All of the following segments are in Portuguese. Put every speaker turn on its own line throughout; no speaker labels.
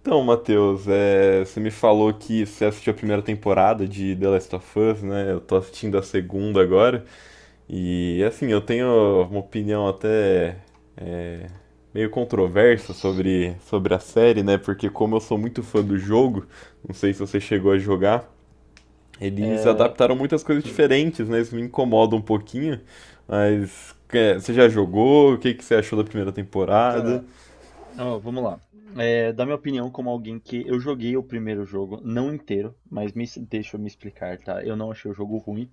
Então, Matheus, você me falou que você assistiu a primeira temporada de The Last of Us, né? Eu tô assistindo a segunda agora. E assim, eu tenho uma opinião até é, meio controversa
Vixe.
sobre a série, né? Porque como eu sou muito fã do jogo, não sei se você chegou a jogar, eles
É,
adaptaram muitas coisas
hum,
diferentes, né? Isso me incomoda um pouquinho. Mas é, você já jogou? O que que você achou da primeira temporada?
cara, Ó, vamos lá. É, da minha opinião, como alguém que eu joguei o primeiro jogo, não inteiro, mas deixa eu me explicar, tá? Eu não achei o jogo ruim.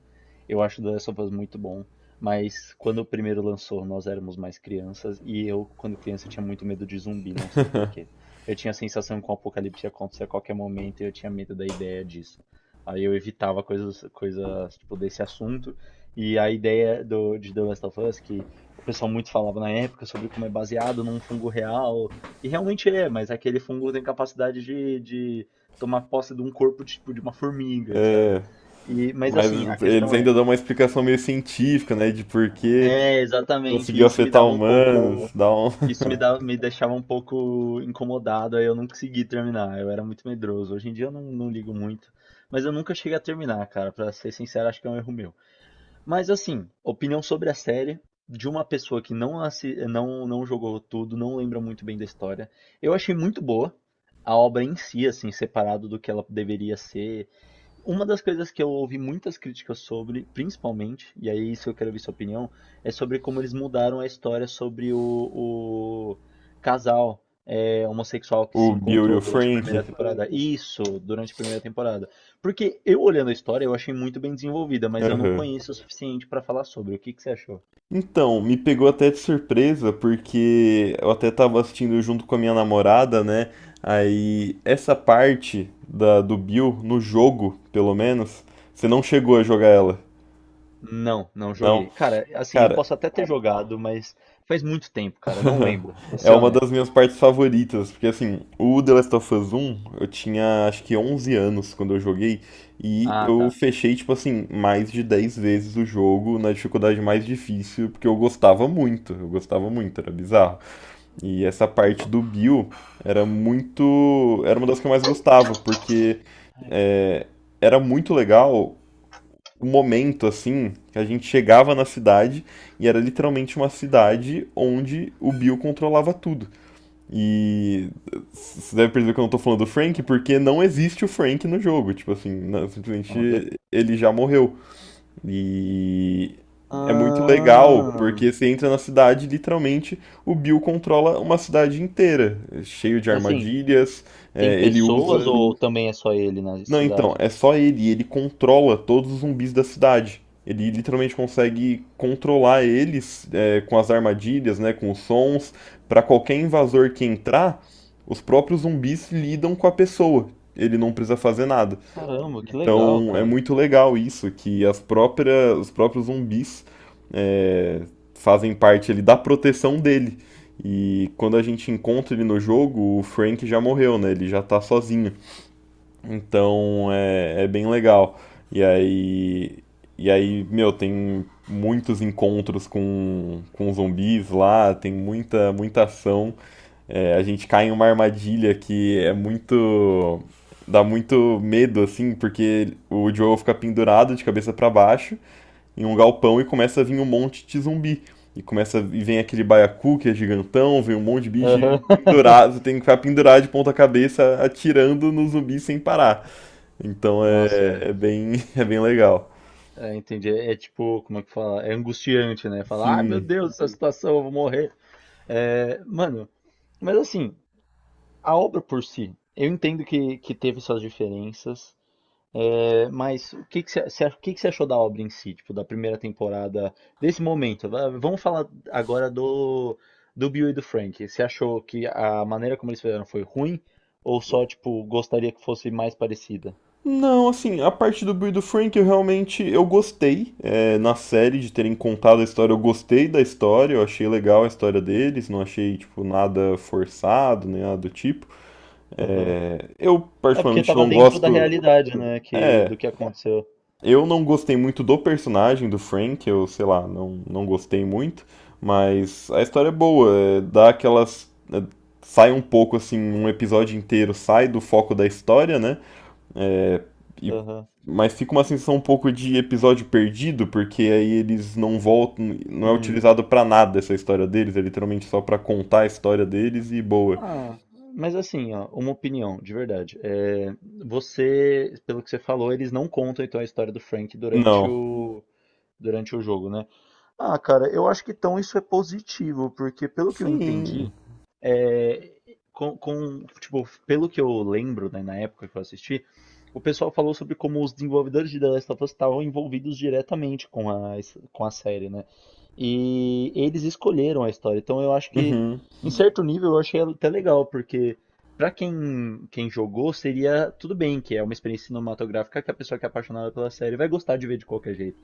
Eu acho The Last of Us muito bom. Mas quando o primeiro lançou, nós éramos mais crianças. E eu, quando criança, tinha muito medo de zumbi, não sei por quê. Eu tinha a sensação que o apocalipse ia acontecer a qualquer momento e eu tinha medo da ideia disso. Aí eu evitava coisas tipo, desse assunto. E a ideia de The Last of Us, que o pessoal muito falava na época sobre como é baseado num fungo real e realmente é, mas é aquele fungo tem capacidade de tomar posse de um corpo tipo de uma formiga, sabe?
É,
E, mas
mas
assim, a
eles
questão
ainda
é,
dão uma explicação meio científica, né? De por que
é exatamente,
conseguiu
isso me
afetar
dava um pouco,
humanos, dá um
isso me dava, me deixava um pouco incomodado, aí eu não consegui terminar, eu era muito medroso. Hoje em dia eu não, não ligo muito, mas eu nunca cheguei a terminar, cara, pra ser sincero, acho que é um erro meu. Mas assim, opinião sobre a série de uma pessoa que não, não jogou tudo, não lembra muito bem da história. Eu achei muito boa a obra em si, assim, separado do que ela deveria ser uma das coisas que eu ouvi muitas críticas sobre, principalmente, e aí isso eu quero ver sua opinião, é sobre como eles mudaram a história sobre o casal é, homossexual que se
o Bill e
encontrou
o
durante a
Frank.
primeira temporada. Isso, durante a primeira temporada. Porque eu olhando a história, eu achei muito bem desenvolvida, mas eu não
Aham.
conheço o suficiente pra falar sobre. O que que você achou?
Então, me pegou até de surpresa, porque eu até tava assistindo junto com a minha namorada, né? Aí, essa parte do Bill, no jogo, pelo menos, você não chegou a jogar ela.
Não, não
Não.
joguei. Cara, assim, eu
Cara,
posso até ter jogado, mas faz muito tempo, cara, eu não lembro. Vou
é
ser
uma
honesto.
das minhas partes favoritas, porque assim, o The Last of Us 1, eu tinha acho que 11 anos quando eu joguei, e
Ah,
eu
tá.
fechei, tipo assim, mais de 10 vezes o jogo na dificuldade mais difícil, porque eu gostava muito, era bizarro. E essa parte do Bill era muito, era uma das que eu mais gostava, porque é, era muito legal o momento assim que a gente chegava na cidade e era literalmente uma cidade onde o Bill controlava tudo. E você deve perceber que eu não tô falando do Frank, porque não existe o Frank no jogo. Tipo assim, não,
Como é que é?
simplesmente ele já morreu. E é muito legal,
Ah,
porque você entra na cidade, literalmente, o Bill controla uma cidade inteira, cheio de
Mas assim,
armadilhas,
tem
é, ele
pessoas
usa
ou também é só ele na
não, então,
cidade?
é só ele. Ele controla todos os zumbis da cidade. Ele literalmente consegue controlar eles é, com as armadilhas, né, com os sons. Pra qualquer invasor que entrar, os próprios zumbis lidam com a pessoa. Ele não precisa fazer nada.
Caramba, que legal,
Então é
cara.
muito legal isso, que as próprias, os próprios zumbis é, fazem parte ali da proteção dele. E quando a gente encontra ele no jogo, o Frank já morreu, né? Ele já tá sozinho. Então é, é bem legal. E aí, e aí, meu, tem muitos encontros com zumbis lá, tem muita ação. É, a gente cai em uma armadilha que é muito, dá muito medo, assim, porque o Joel fica pendurado de cabeça para baixo em um galpão e começa a vir um monte de zumbi. E começa e vem aquele baiacu que é gigantão, vem um monte de bicho
Aham.
pendurado, você tem que ficar pendurado de ponta cabeça atirando no zumbi sem parar. Então
Nossa,
é,
é,
é bem, é bem legal.
é, entendi. É, é tipo, como é que fala? É angustiante, né? Falar, ai meu
Sim.
Deus, essa situação, eu vou morrer. É, mano, mas assim, a obra por si, eu entendo que teve suas diferenças. É, mas o que que você o que que você achou da obra em si, tipo, da primeira temporada, desse momento? Vamos falar agora do Bill e do Frank. Você achou que a maneira como eles fizeram foi ruim? Ou só, tipo, gostaria que fosse mais parecida?
Não, assim, a parte do Bill e do Frank eu realmente eu gostei é, na série de terem contado a história. Eu gostei da história, eu achei legal a história deles, não achei tipo nada forçado nem nada do tipo.
Aham.
É, eu
É porque
particularmente
tava
não
dentro da
gosto.
realidade, né, que,
É,
do que aconteceu.
eu não gostei muito do personagem do Frank, eu sei lá, não gostei muito, mas a história é boa, é, dá aquelas, é, sai um pouco assim, um episódio inteiro sai do foco da história, né? É, e,
Aham.
mas fica uma sensação um pouco de episódio perdido, porque aí eles não voltam, não é
Hum.
utilizado pra nada essa história deles, é literalmente só pra contar a história deles e boa.
Ah, mas assim, ó, uma opinião, de verdade. É, você, pelo que você falou, eles não contam então a história do Frank durante
Não.
durante o jogo, né? Ah, cara, eu acho que então isso é positivo, porque pelo que eu
Sim.
entendi, é, com, tipo, pelo que eu lembro, né, na época que eu assisti, o pessoal falou sobre como os desenvolvedores de The Last of Us estavam envolvidos diretamente com com a série, né? E eles escolheram a história. Então eu acho que,
Uhum.
em certo nível, eu achei até legal, porque pra quem jogou, seria tudo bem, que é uma experiência cinematográfica que a pessoa que é apaixonada pela série vai gostar de ver de qualquer jeito.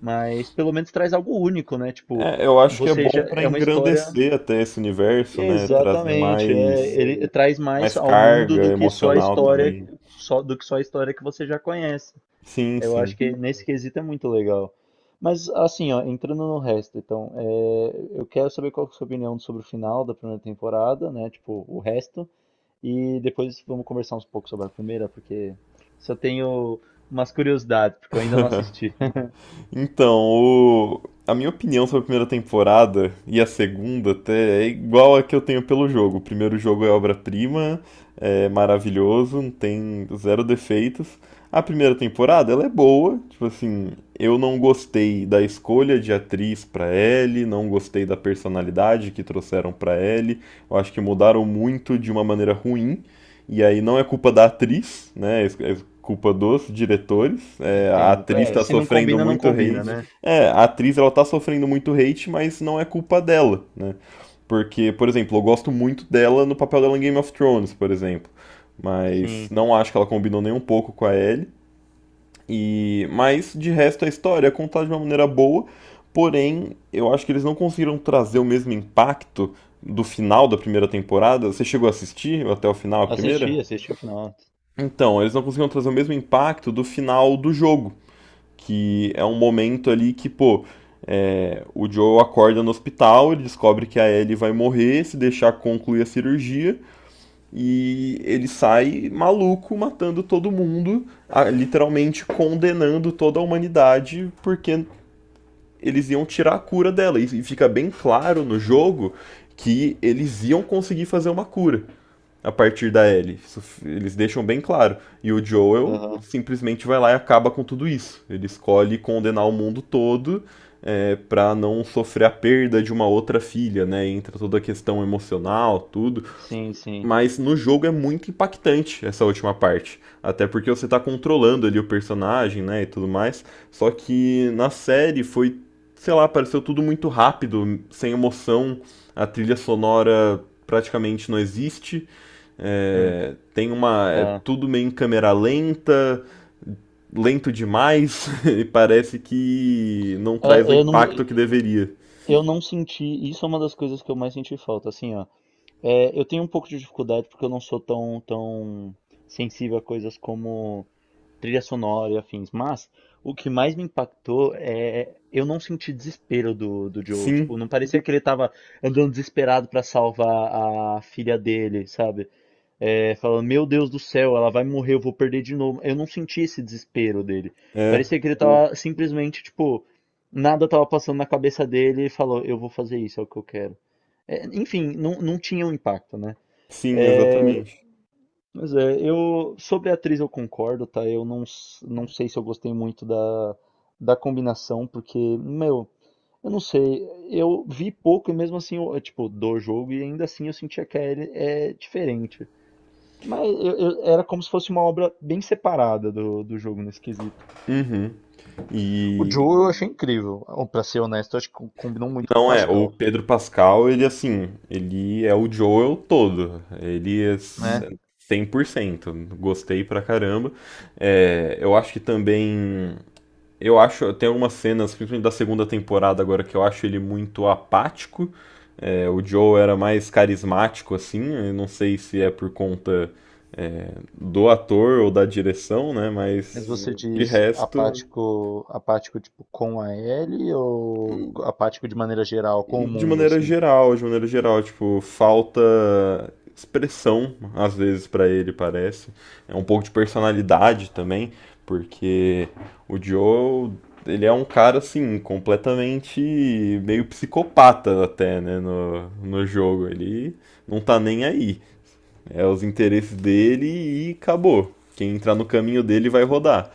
Mas pelo menos traz algo único, né? Tipo,
É, eu acho que é
você já
bom para
é uma história.
engrandecer até esse universo, né? Trazer
Exatamente, é,
mais
ele traz mais
mais
ao mundo
carga
do que só a
emocional
história,
também.
só a história que você já conhece.
Sim,
Eu acho
sim.
que nesse quesito é muito legal. Mas assim, ó, entrando no resto, então, é, eu quero saber qual que é a sua opinião sobre o final da primeira temporada, né? Tipo, o resto. E depois vamos conversar uns pouco sobre a primeira, porque se eu tenho umas curiosidades, porque eu ainda não assisti.
Então, o, a minha opinião sobre a primeira temporada e a segunda até é igual a que eu tenho pelo jogo. O primeiro jogo é obra-prima, é maravilhoso, não tem zero defeitos. A primeira temporada, ela é boa, tipo assim, eu não gostei da escolha de atriz pra Ellie, não gostei da personalidade que trouxeram pra Ellie. Eu acho que mudaram muito de uma maneira ruim. E aí não é culpa da atriz, né? É culpa dos diretores. É, a
Entendo.
atriz
É,
tá
se não
sofrendo
combina, não
muito
combina,
hate.
né?
É, a atriz ela tá sofrendo muito hate, mas não é culpa dela, né? Porque, por exemplo, eu gosto muito dela no papel dela em Game of Thrones, por exemplo. Mas
Sim.
não acho que ela combinou nem um pouco com a Ellie. E, mas de resto a história é contada de uma maneira boa, porém eu acho que eles não conseguiram trazer o mesmo impacto do final da primeira temporada. Você chegou a assistir até o final a primeira?
Assisti, assisti o final.
Então, eles não conseguiram trazer o mesmo impacto do final do jogo. Que é um momento ali que, pô, é, o Joe acorda no hospital, ele descobre que a Ellie vai morrer, se deixar concluir a cirurgia, e ele sai maluco, matando todo mundo, a- literalmente condenando toda a humanidade, porque eles iam tirar a cura dela, e fica bem claro no jogo que eles iam conseguir fazer uma cura a partir da Ellie. Isso eles deixam bem claro. E o Joel simplesmente vai lá e acaba com tudo isso. Ele escolhe condenar o mundo todo é, para não sofrer a perda de uma outra filha, né? Entra toda a questão emocional, tudo.
Sim, sim.
Mas no jogo é muito impactante essa última parte. Até porque você tá controlando ali o personagem, né? E tudo mais. Só que na série foi, sei lá, pareceu tudo muito rápido, sem emoção. A trilha sonora praticamente não existe.
Hum,
É, tem uma. É
tá.
tudo meio em câmera lenta, lento demais, e parece que não
É,
traz o
eu não,
impacto que deveria.
eu não senti. Isso é uma das coisas que eu mais senti falta. Assim, ó. É, eu tenho um pouco de dificuldade porque eu não sou tão sensível a coisas como trilha sonora e afins. Mas o que mais me impactou é eu não senti desespero do Joe.
Sim,
Tipo, não parecia que ele tava andando desesperado pra salvar a filha dele, sabe? É, falando: Meu Deus do céu, ela vai morrer, eu vou perder de novo. Eu não senti esse desespero dele.
é.
Parecia que ele tava simplesmente, tipo, nada tava passando na cabeça dele e falou: Eu vou fazer isso, é o que eu quero. É, enfim, não, não tinha um impacto, né?
Sim, exatamente.
Mas é, eu. Sobre a atriz eu concordo, tá? Eu não, s- não sei se eu gostei muito da combinação, porque, meu, eu não sei. Eu vi pouco e mesmo assim, eu, tipo, do jogo e ainda assim eu sentia que a Ellie é diferente. Mas era como se fosse uma obra bem separada do jogo nesse quesito.
Uhum.
O
E,
Joe eu achei incrível. Ou, pra ser honesto, eu acho que combinou muito com o
não é, o
Pascal,
Pedro Pascal, ele assim, ele é o Joel todo. Ele é
né?
100%. Gostei pra caramba. É, eu acho que também. Eu acho, tem algumas cenas, principalmente da segunda temporada agora, que eu acho ele muito apático. É, o Joel era mais carismático, assim. Eu não sei se é por conta, é, do ator ou da direção, né?
Mas
Mas de
diz
resto,
apático, apático tipo com a Ellie ou apático de maneira geral, com o
de
mundo,
maneira
assim?
geral, de maneira geral, tipo, falta expressão às vezes pra ele, parece. É um pouco de personalidade também, porque o Joe, ele é um cara assim, completamente meio psicopata até, né, no jogo. Ele não tá nem aí. É os interesses dele e acabou. Quem entrar no caminho dele vai rodar.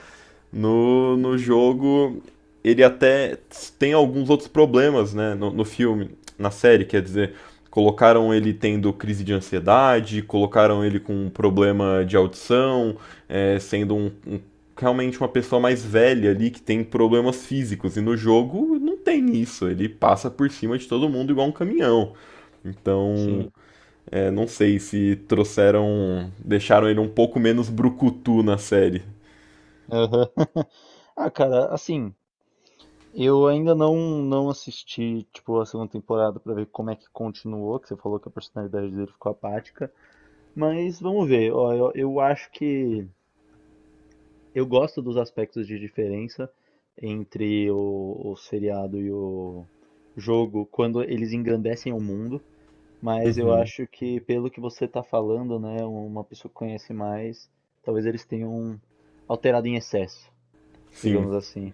No jogo, ele até tem alguns outros problemas, né? No filme, na série, quer dizer, colocaram ele tendo crise de ansiedade, colocaram ele com um problema de audição, é, sendo realmente uma pessoa mais velha ali que tem problemas físicos. E no jogo não tem isso, ele passa por cima de todo mundo igual um caminhão. Então,
Sim.
é, não sei se trouxeram, deixaram ele um pouco menos brucutu na série.
Aham. Ah, cara, assim, eu ainda não assisti, tipo, a segunda temporada pra ver como é que continuou, que você falou que a personalidade dele ficou apática, mas vamos ver. Ó, eu acho que eu gosto dos aspectos de diferença entre o seriado e o jogo quando eles engrandecem o mundo, mas eu
Uhum.
acho que pelo que você está falando, né, uma pessoa que conhece mais, talvez eles tenham alterado em excesso,
Sim.
digamos assim.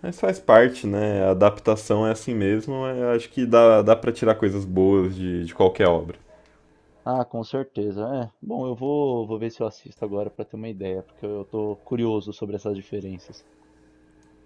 Mas faz parte, né? A adaptação é assim mesmo. É, eu acho que dá para tirar coisas boas de qualquer obra.
Ah, com certeza. É. Bom, vou ver se eu assisto agora para ter uma ideia, porque eu tô curioso sobre essas diferenças.